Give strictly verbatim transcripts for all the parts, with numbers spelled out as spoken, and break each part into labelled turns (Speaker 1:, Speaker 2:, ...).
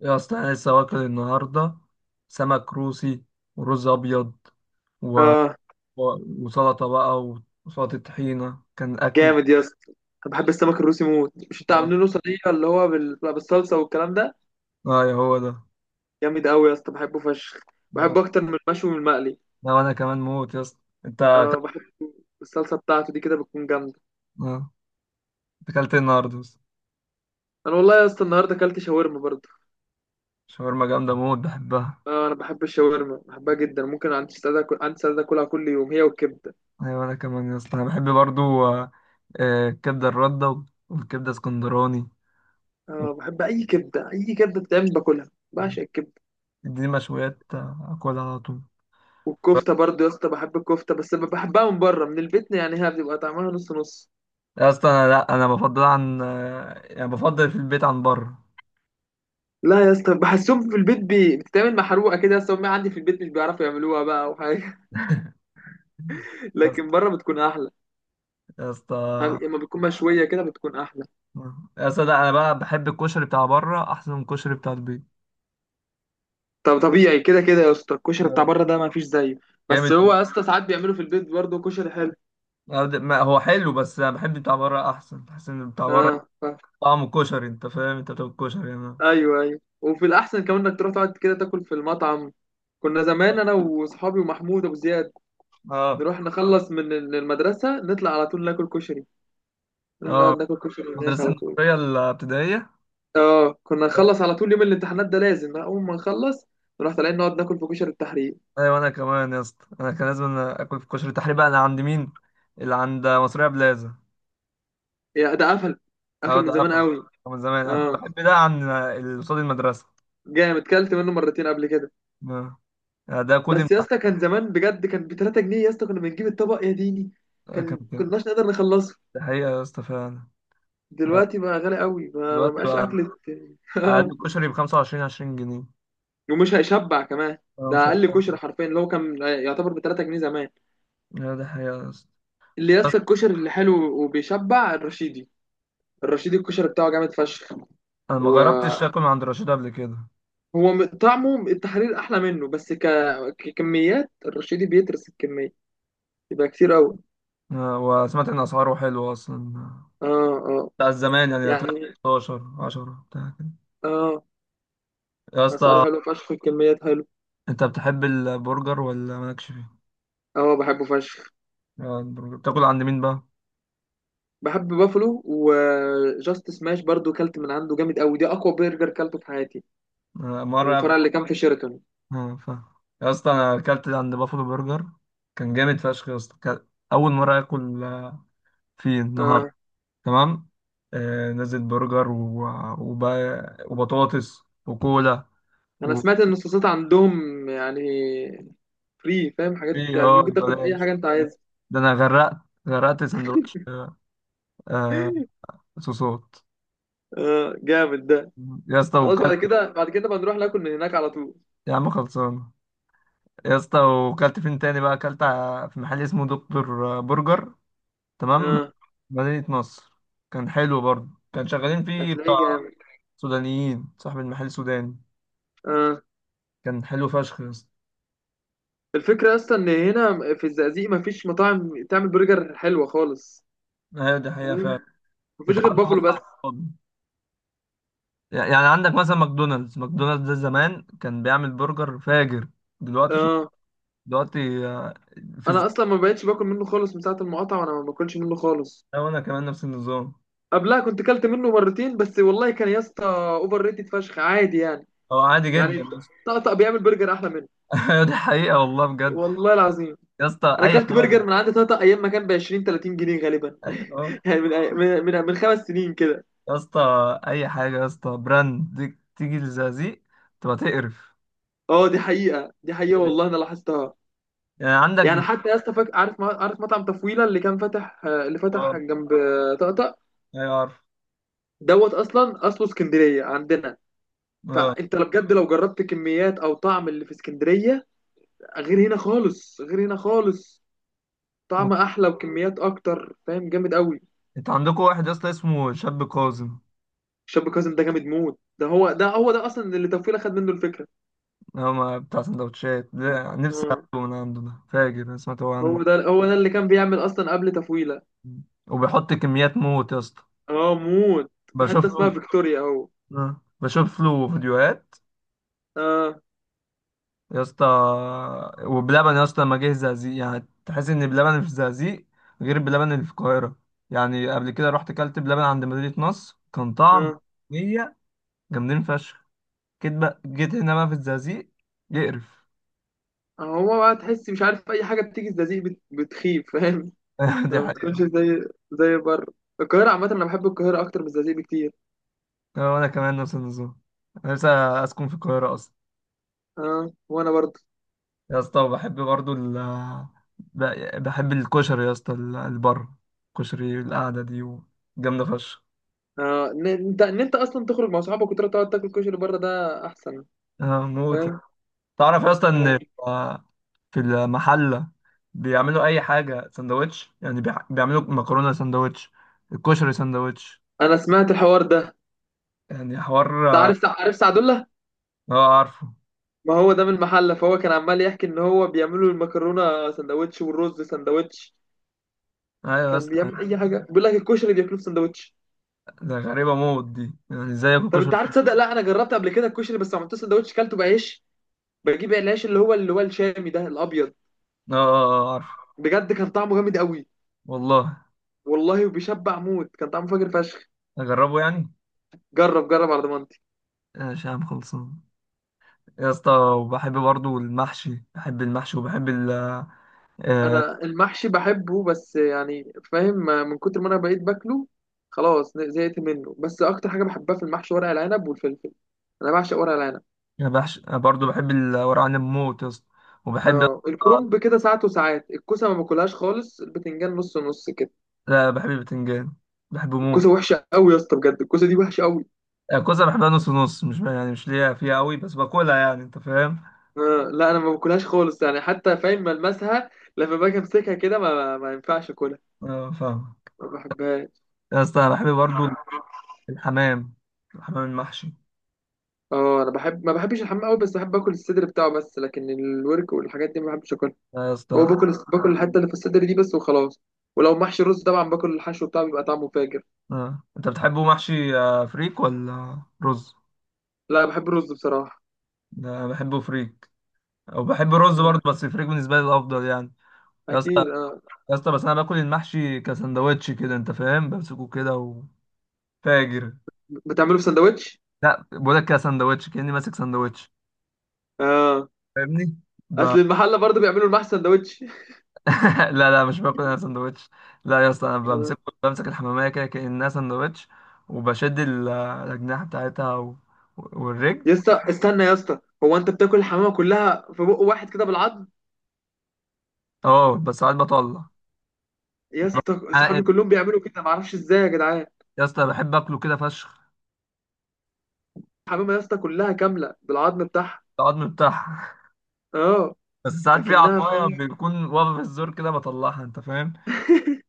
Speaker 1: يا اسطى انا لسه واكل النهارده سمك روسي ورز ابيض و...
Speaker 2: اه،
Speaker 1: و- وسلطه بقى. وسلطه طحينه كان اكل.
Speaker 2: جامد يا اسطى. انا بحب السمك الروسي موت. مش انت
Speaker 1: اه.
Speaker 2: عاملينه صينيه اللي هو بال- بتبقى بالصلصه والكلام ده.
Speaker 1: آه، يا هو ده.
Speaker 2: جامد قوي يا اسطى، بحبه فشخ.
Speaker 1: آه.
Speaker 2: بحبه اكتر من المشوي من المقلي.
Speaker 1: ده وانا كمان موت يا اسطى. انت
Speaker 2: اه
Speaker 1: أك-
Speaker 2: بحب الصلصه بتاعته دي كده بتكون جامده.
Speaker 1: آه. أنت اكلت إيه النهارده يا اسطى؟
Speaker 2: انا والله يا اسطى النهارده اكلت شاورما برضه.
Speaker 1: شاورما جامده موت بحبها.
Speaker 2: اه انا بحب الشاورما، بحبها جدا. ممكن عندي استعداد اكل، عندي استعداد اكلها كل يوم، هي والكبده.
Speaker 1: ايوه انا كمان يا اسطى، انا بحب برضو. آه، آه، الكبده الرده والكبده اسكندراني،
Speaker 2: اه بحب اي كبده، اي كبده بتتعمل باكلها، بعشق الكبده.
Speaker 1: دي مشويات آه، اكلها على طول.
Speaker 2: والكفته برضه يا اسطى بحب الكفته، بس بحبها من بره، من البيت يعني هي بتبقى طعمها نص نص.
Speaker 1: يا اسطى انا لا انا بفضل عن آه، يعني بفضل في البيت عن بره.
Speaker 2: لا يا اسطى بحسهم في البيت بي... بتتعمل محروقه كده. يا اسطى امي عندي في البيت مش بيعرفوا يعملوها بقى وحاجه.
Speaker 1: يا اسطى،
Speaker 2: لكن بره بتكون احلى.
Speaker 1: يا اسطى،
Speaker 2: لما بتكون مشويه كده بتكون احلى.
Speaker 1: يا اسطى، لا، انا بقى بحب الكشري بتاع بره احسن من الكشري بتاع البيت.
Speaker 2: طب طبيعي كده كده يا اسطى، الكشري بتاع
Speaker 1: آه.
Speaker 2: بره ده ما فيش زيه. بس
Speaker 1: جامد.
Speaker 2: هو يا اسطى ساعات بيعملوا في البيت برضه كشري حلو.
Speaker 1: أنا- د- ما هو حلو بس انا بحب بتاع بره احسن، بحس ان بتاع بره
Speaker 2: اه ف...
Speaker 1: طعمه كشري. انت فاهم انت بتاكل كشري انا.
Speaker 2: ايوه ايوه، وفي الاحسن كمان انك تروح تقعد كده تاكل في المطعم. كنا زمان انا وصحابي ومحمود ابو زياد
Speaker 1: اه
Speaker 2: نروح نخلص من المدرسه، نطلع على طول ناكل كشري، نروح نقعد
Speaker 1: اه.
Speaker 2: ناكل كشري هناك
Speaker 1: المدرسه
Speaker 2: على طول.
Speaker 1: النصريه الابتدائيه.
Speaker 2: اه كنا نخلص على طول يوم الامتحانات ده، لازم بقى اول ما نخلص نروح طالعين نقعد ناكل في كشري التحرير.
Speaker 1: ايوه انا كمان يا اسطى، انا كان لازم أنا اكل في كشري تحريبا انا عند مين؟ اللي عند مصريه بلازا.
Speaker 2: يا ده قفل،
Speaker 1: اه
Speaker 2: قفل
Speaker 1: ده
Speaker 2: من زمان
Speaker 1: قفل
Speaker 2: قوي.
Speaker 1: من زمان، انا كنت
Speaker 2: اه
Speaker 1: بحب ده عن اللي قصاد المدرسه.
Speaker 2: جامد، كلت منه مرتين قبل كده.
Speaker 1: آه. يعني ده كل
Speaker 2: بس يا
Speaker 1: امتحان.
Speaker 2: اسطى كان زمان بجد كان ب ثلاثة جنيه يا اسطى، كنا بنجيب الطبق يا ديني.
Speaker 1: آه، كان
Speaker 2: كان
Speaker 1: كده.
Speaker 2: كناش نقدر نخلصه.
Speaker 1: ده حقيقة يا اسطى فعلا. آه.
Speaker 2: دلوقتي بقى غالي قوي، ما ما
Speaker 1: دلوقتي
Speaker 2: بقاش
Speaker 1: بقى
Speaker 2: اكل. اه.
Speaker 1: أقل كشري بخمسة وعشرين، عشرين جنيه.
Speaker 2: ومش هيشبع كمان.
Speaker 1: أنا مش
Speaker 2: ده اقل
Speaker 1: هشتغل.
Speaker 2: كشري حرفيا اللي هو كان يعتبر ب تلات جنيه زمان.
Speaker 1: لا ده حقيقة يا اسطى.
Speaker 2: اللي يا
Speaker 1: بس
Speaker 2: اسطى الكشري اللي حلو وبيشبع الرشيدي. الرشيدي الكشري بتاعه جامد فشخ.
Speaker 1: أنا ما
Speaker 2: و...
Speaker 1: جربتش آكل من عند رشيد قبل كده.
Speaker 2: هو م- طعمه التحرير احلى منه، بس ك... ككميات الرشيدي بيترس الكميه، يبقى كتير قوي.
Speaker 1: آه، وسمعت إن أسعاره حلوة أصلا،
Speaker 2: اه اه،
Speaker 1: بتاع زمان يعني، هتلاقي
Speaker 2: يعني
Speaker 1: ستاشر عشرة بتاع كده.
Speaker 2: اه،
Speaker 1: يا
Speaker 2: اسعاره
Speaker 1: اسطى
Speaker 2: حلو فشخ، الكميات حلو.
Speaker 1: أنت بتحب البرجر ولا مالكش فيه؟
Speaker 2: اه بحبه فشخ.
Speaker 1: آه، البرجر بتاكل عند مين بقى؟
Speaker 2: بحب بافلو وجاست سماش برضو، كلت من عنده جامد قوي، دي اقوى برجر كلته في حياتي.
Speaker 1: آه،
Speaker 2: من
Speaker 1: مرة
Speaker 2: الفرع
Speaker 1: قبل.
Speaker 2: اللي كان في شيراتون.
Speaker 1: اه فاهم. يا اسطى أنا أكلت عند بافلو برجر، كان جامد فشخ يا اسطى، كان أول مرة آكل فيه النهاردة.
Speaker 2: اه
Speaker 1: تمام. آه، نزل برجر و... وبقى... وبطاطس وكولا
Speaker 2: انا
Speaker 1: و
Speaker 2: سمعت ان الصوصات عندهم يعني فري، فاهم؟ حاجات
Speaker 1: إيه،
Speaker 2: يعني
Speaker 1: اه
Speaker 2: ممكن تاخد اي حاجه
Speaker 1: بلاش،
Speaker 2: انت عايزها.
Speaker 1: ده انا غرقت، غرقت سندوتش. آه، صوصات.
Speaker 2: اه جامد ده.
Speaker 1: يا اسطى
Speaker 2: خلاص بعد
Speaker 1: وكلت،
Speaker 2: كده، بعد كده بنروح ناكل من هناك على طول.
Speaker 1: يا عم خلصان. يا اسطى وكلت فين تاني بقى؟ اكلت ع- في محل اسمه دكتور برجر. تمام.
Speaker 2: اه
Speaker 1: مدينة نصر. كان حلو برضه، كان شغالين فيه بتاع
Speaker 2: هتلاقيه جامد.
Speaker 1: سودانيين، صاحب المحل سوداني.
Speaker 2: آه.
Speaker 1: كان حلو فشخ يا اسطى.
Speaker 2: الفكرة أصلا إن هنا في الزقازيق مفيش مطاعم تعمل برجر حلوة خالص.
Speaker 1: ايوه دي حقيقة فعلا.
Speaker 2: تمام؟ مفيش غير
Speaker 1: اتعدى
Speaker 2: بافلو
Speaker 1: بس
Speaker 2: بس.
Speaker 1: على الصحاب. يعني عندك مثلا ماكدونالدز، ماكدونالدز ده زمان كان بيعمل برجر فاجر، دلوقتي شوف.
Speaker 2: آه.
Speaker 1: دلوقتي آه، في
Speaker 2: أنا
Speaker 1: الزمن
Speaker 2: أصلا ما بقتش باكل منه خالص من ساعة المقاطعة، وأنا ما باكلش منه خالص.
Speaker 1: ده. وانا كمان نفس النظام.
Speaker 2: قبلها كنت كلت منه مرتين بس، والله كان يا اسطى أوفر ريتد فشخ، عادي يعني.
Speaker 1: هو عادي جدا
Speaker 2: يعني
Speaker 1: يا اسطى.
Speaker 2: طقطق بيعمل برجر أحلى منه،
Speaker 1: أيوة دي حقيقة والله بجد.
Speaker 2: والله العظيم.
Speaker 1: يا اسطى
Speaker 2: أنا
Speaker 1: اي
Speaker 2: كلت برجر
Speaker 1: حاجة.
Speaker 2: من عند طقطق أيام ما كان ب عشرين تلاتين جنيه غالبا.
Speaker 1: ايوه اه.
Speaker 2: يعني من من من من خمس سنين كده.
Speaker 1: يا اسطى اي حاجة يا اسطى براند دي- تيجي لزقازيق تبقى تقرف.
Speaker 2: اه دي حقيقة، دي حقيقة والله
Speaker 1: تقرف.
Speaker 2: أنا لاحظتها.
Speaker 1: يعني عندك.
Speaker 2: يعني حتى يا اسطى فاكر، عارف ما- عارف مطعم تفويله اللي كان فاتح، آه، اللي
Speaker 1: اه
Speaker 2: فتح جنب آه، طقطق؟
Speaker 1: ايوه عارف.
Speaker 2: دوت اصلا اصله اسكندريه عندنا.
Speaker 1: اه
Speaker 2: فانت لو بجد لو جربت كميات او طعم اللي في اسكندريه، غير هنا خالص، غير هنا خالص. طعم احلى وكميات اكتر، فاهم؟ جامد قوي.
Speaker 1: انت عندكم واحد يا اسطى اسمه شاب كاظم.
Speaker 2: الشاب كاظم ده جامد موت. ده هو ده هو ده اصلا اللي تفويله خد منه الفكره.
Speaker 1: هو ما- بتاع سندوتشات ده، نفسي
Speaker 2: اه،
Speaker 1: اكله من عنده، ده فاجر انا سمعت هو عنه.
Speaker 2: هو ده هو ده اللي كان بيعمل اصلا قبل تفويله.
Speaker 1: وبيحط كميات موت يا اسطى.
Speaker 2: اه موت. في
Speaker 1: بشوف
Speaker 2: حته
Speaker 1: له.
Speaker 2: اسمها فيكتوريا اهو.
Speaker 1: آه. بشوف له فيديوهات.
Speaker 2: اه
Speaker 1: يا اسطى وبلبن، يا اسطى لما جه الزقازيق يعني تحس ان بلبن اللي في الزقازيق غير بلبن اللي في القاهرة. يعني قبل كده رحت كلت بلبن عند مدينة نصر، كان طعم،
Speaker 2: اه.
Speaker 1: هي جامدين فشخ. جيت بقى، جيت هنا بقى في الزقازيق، يقرف.
Speaker 2: هو بقى تحس مش عارف، اي حاجه بتيجي الزقازيق بت- بتخيب، فاهم؟
Speaker 1: دي
Speaker 2: ما بتكونش
Speaker 1: حقيقة.
Speaker 2: زي، زي بره. القاهره عامه انا بحب القاهره اكتر من الزقازيق بكتير.
Speaker 1: آه، وانا كمان نفس النظام. انا لسه اسكن في القاهرة اصلا.
Speaker 2: اه وانا برضه.
Speaker 1: يا اسطى وبحب برضو ال ب- بحب الكشري يا اسطى، ال- البر كشري القعدة دي جامدة فشخ.
Speaker 2: اه ان انت ان انت اصلا تخرج مع صحابك وتروح تقعد تاكل كشري بره، ده احسن.
Speaker 1: آه، موت.
Speaker 2: فاهم؟
Speaker 1: تعرف يا اسطى ان في المحلة بيعملوا اي حاجة سندوتش، يعني بيع- بيعملوا مكرونة سندوتش، الكشري سندوتش.
Speaker 2: انا سمعت الحوار ده.
Speaker 1: يعني حوار
Speaker 2: انت
Speaker 1: اه.
Speaker 2: عارف عارف سعد الله؟
Speaker 1: آه، عارفه.
Speaker 2: ما هو ده من المحله، فهو كان عمال يحكي ان هو بيعملوا المكرونه سندوتش والرز سندوتش.
Speaker 1: ايوه يا
Speaker 2: كان
Speaker 1: اسطى.
Speaker 2: بيعمل اي حاجه، بيقول لك الكشري بياكلوه في سندوتش.
Speaker 1: ده غريبة موت دي، يعني ازاي اكل
Speaker 2: طب انت
Speaker 1: كشري؟
Speaker 2: عارف تصدق؟ لا انا جربت قبل كده الكشري، بس ما عملتوش سندوتش، كلته بعيش. بجيب العيش اللي هو، اللي هو الشامي ده الابيض.
Speaker 1: اه اه آه، عارفه.
Speaker 2: بجد كان طعمه جامد قوي،
Speaker 1: والله
Speaker 2: والله. وبيشبع موت، كان طعمه فاجر فشخ.
Speaker 1: اجربه يعني.
Speaker 2: جرب جرب، على ضمانتي.
Speaker 1: ماشي يا عم خلصان. يا اسطى وبحب برضو المحشي، بحب المحشي وبحب ال آه،
Speaker 2: انا المحشي بحبه، بس يعني فاهم، من كتر ما انا بقيت باكله خلاص زهقت منه. بس اكتر حاجه بحبها في المحشي ورق العنب والفلفل، انا بعشق ورق العنب.
Speaker 1: بحش برضو بحب الورق عنب موت يا اسطى. وبحب آه،
Speaker 2: اه الكرنب كده ساعات وساعات، الكوسه ما باكلهاش خالص، البتنجان نص نص كده.
Speaker 1: لا بحب البتنجان، بحبه موت.
Speaker 2: الكوسه وحشه قوي يا اسطى بجد، الكوسه دي وحشه قوي.
Speaker 1: الكوسة بحبها نص نص، مش يعني مش ليا فيها قوي بس باكلها يعني انت فاهم.
Speaker 2: آه، لا انا ما باكلهاش خالص، يعني حتى فاهم ملمسها، لما باجي امسكها كده ما, ما ينفعش اكلها.
Speaker 1: اه فاهم.
Speaker 2: ما بحبهاش.
Speaker 1: يا اسطى أنا بحب برضو الحمام، الحمام المحشي
Speaker 2: اه انا بحب، ما بحبش الحمام قوي، بس بحب اكل الصدر بتاعه بس، لكن الورك والحاجات دي ما بحبش اكلها.
Speaker 1: يا
Speaker 2: هو
Speaker 1: اسطى.
Speaker 2: باكل باكل الحته اللي
Speaker 1: جامد.
Speaker 2: في الصدر دي بس وخلاص. ولو محشي رز طبعا باكل الحشو بتاعه، بيبقى طعمه فاجر.
Speaker 1: اه انت بتحبه محشي آه، فريك ولا رز؟
Speaker 2: لا بحب الرز بصراحه.
Speaker 1: ده أنا بحبه فريك، او بحب الرز
Speaker 2: آه،
Speaker 1: برضو بس الفريك بالنسبة لي الافضل يعني. يا اسطى.
Speaker 2: اكيد اه.
Speaker 1: يا اسطى بس انا باكل المحشي كسندوتش كده انت فاهم، بمسكه كده وفاجر.
Speaker 2: بتعمله في سندوتش؟
Speaker 1: لا بقول لك كسندوتش، كاني ماسك سندوتش،
Speaker 2: اه
Speaker 1: فاهمني؟ ب...
Speaker 2: اصل المحله برضه بيعملوا المحشي سندوتش.
Speaker 1: لا لا مش باكل انا سندوتش. لا يا اسطى انا
Speaker 2: آه.
Speaker 1: بمسك بمسك الحماميه كده كانها سندوتش، وبشد ال- الاجنحه بتاعتها و... والرجل.
Speaker 2: يا اسطى استنى يا اسطى، هو انت بتاكل الحمامه كلها في بق واحد كده بالعض؟
Speaker 1: اه بس ساعات بطلع
Speaker 2: يا اسطى صحابي
Speaker 1: عائد.
Speaker 2: كلهم بيعملوا كده، معرفش ازاي يا جدعان.
Speaker 1: يا اسطى بحب اكله كده فشخ.
Speaker 2: حمامه يا اسطى كلها كامله بالعظم بتاعها.
Speaker 1: العظم بتاعها.
Speaker 2: اه
Speaker 1: بس ساعات في
Speaker 2: اكنها
Speaker 1: عضمايه
Speaker 2: فاهم.
Speaker 1: بيكون واقفه في الزور كده بطلعها انت فاهم.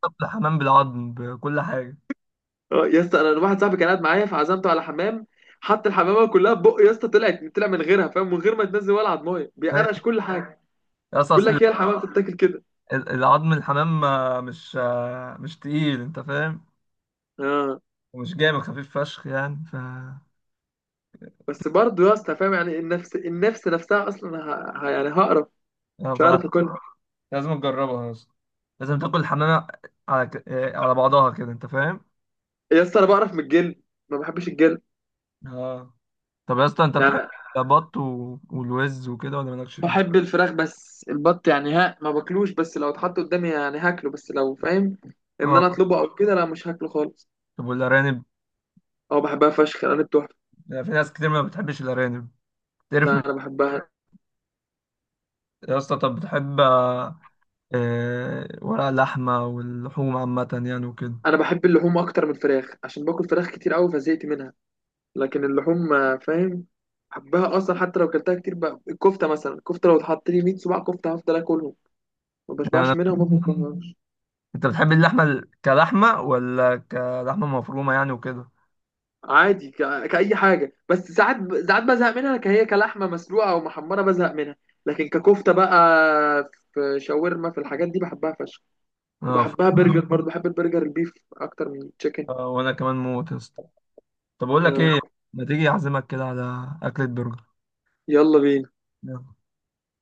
Speaker 1: طب الحمام بالعظم بكل حاجه.
Speaker 2: اه يا اسطى انا واحد صاحبي كان قاعد معايا فعزمته على حمام، حط الحمامه كلها في بقه يا اسطى، طلعت طلع من غيرها فاهم، من غير ما تنزل ولا عضمايه، بيقرقش
Speaker 1: أيوة.
Speaker 2: كل حاجه.
Speaker 1: يا اسطى
Speaker 2: بيقول
Speaker 1: أصل
Speaker 2: لك هي الحمامه بتتاكل كده.
Speaker 1: ال- العظم الحمام آه، مش آه، مش تقيل انت فاهم،
Speaker 2: اه
Speaker 1: ومش جامد، خفيف فشخ يعني. ف
Speaker 2: بس برضه يا اسطى فاهم يعني، النفس النفس نفسها اصلا ه... ه... يعني هقرف،
Speaker 1: آه،
Speaker 2: مش
Speaker 1: ف
Speaker 2: هعرف اكلها.
Speaker 1: لازم تجربها اصلا، لازم تاكل الحمامة على ك... آه، على بعضها كده انت فاهم.
Speaker 2: يا اسطى انا بقرف من الجلد، ما بحبش الجلد.
Speaker 1: اه. طب يا اسطى انت
Speaker 2: يعني
Speaker 1: بتحب البط و... والوز وكده ولا مالكش فيه؟
Speaker 2: بحب الفراخ، بس البط يعني ها ما باكلوش، بس لو اتحط قدامي يعني هاكله، بس لو فاهم ان
Speaker 1: اه.
Speaker 2: انا اطلبه او كده لا مش هاكله خالص.
Speaker 1: طب والارانب؟
Speaker 2: اه بحبها فشخ، انا بتحفه.
Speaker 1: آه، في ناس كتير ما بتحبش الارانب.
Speaker 2: لا
Speaker 1: تعرف من...
Speaker 2: انا بحبها.
Speaker 1: يا اسطى طب بتحب آه، آه، ورق اللحمة واللحوم عامة يعني وكده؟
Speaker 2: انا بحب اللحوم اكتر من الفراخ عشان باكل فراخ كتير قوي فزهقت منها. لكن اللحوم آه، فاهم، بحبها اصلا. حتى لو اكلتها كتير بقى، الكفته مثلا، الكفته لو اتحط لي ميت صباع كفته هفضل اكلهم، ما بشبعش
Speaker 1: يعني
Speaker 2: منها وما باكل.
Speaker 1: انت بتحب اللحمه ال- كلحمه ولا كلحمه مفرومه يعني وكده؟
Speaker 2: عادي ك- كأي حاجة، بس ساعات ب- ساعات بزهق منها كهي كلحمة مسلوقة أو محمرة بزهق منها. لكن ككفتة بقى، في شاورما، في الحاجات دي بحبها فشخ.
Speaker 1: اه ف...
Speaker 2: وبحبها برجر برضه، بحب البرجر البيف أكتر من التشيكن.
Speaker 1: آه، وانا كمان موت يا اسطى. طب اقول لك
Speaker 2: آه.
Speaker 1: ايه، ما تيجي اعزمك كده على اكله برجر.
Speaker 2: يلا بينا.
Speaker 1: يلا.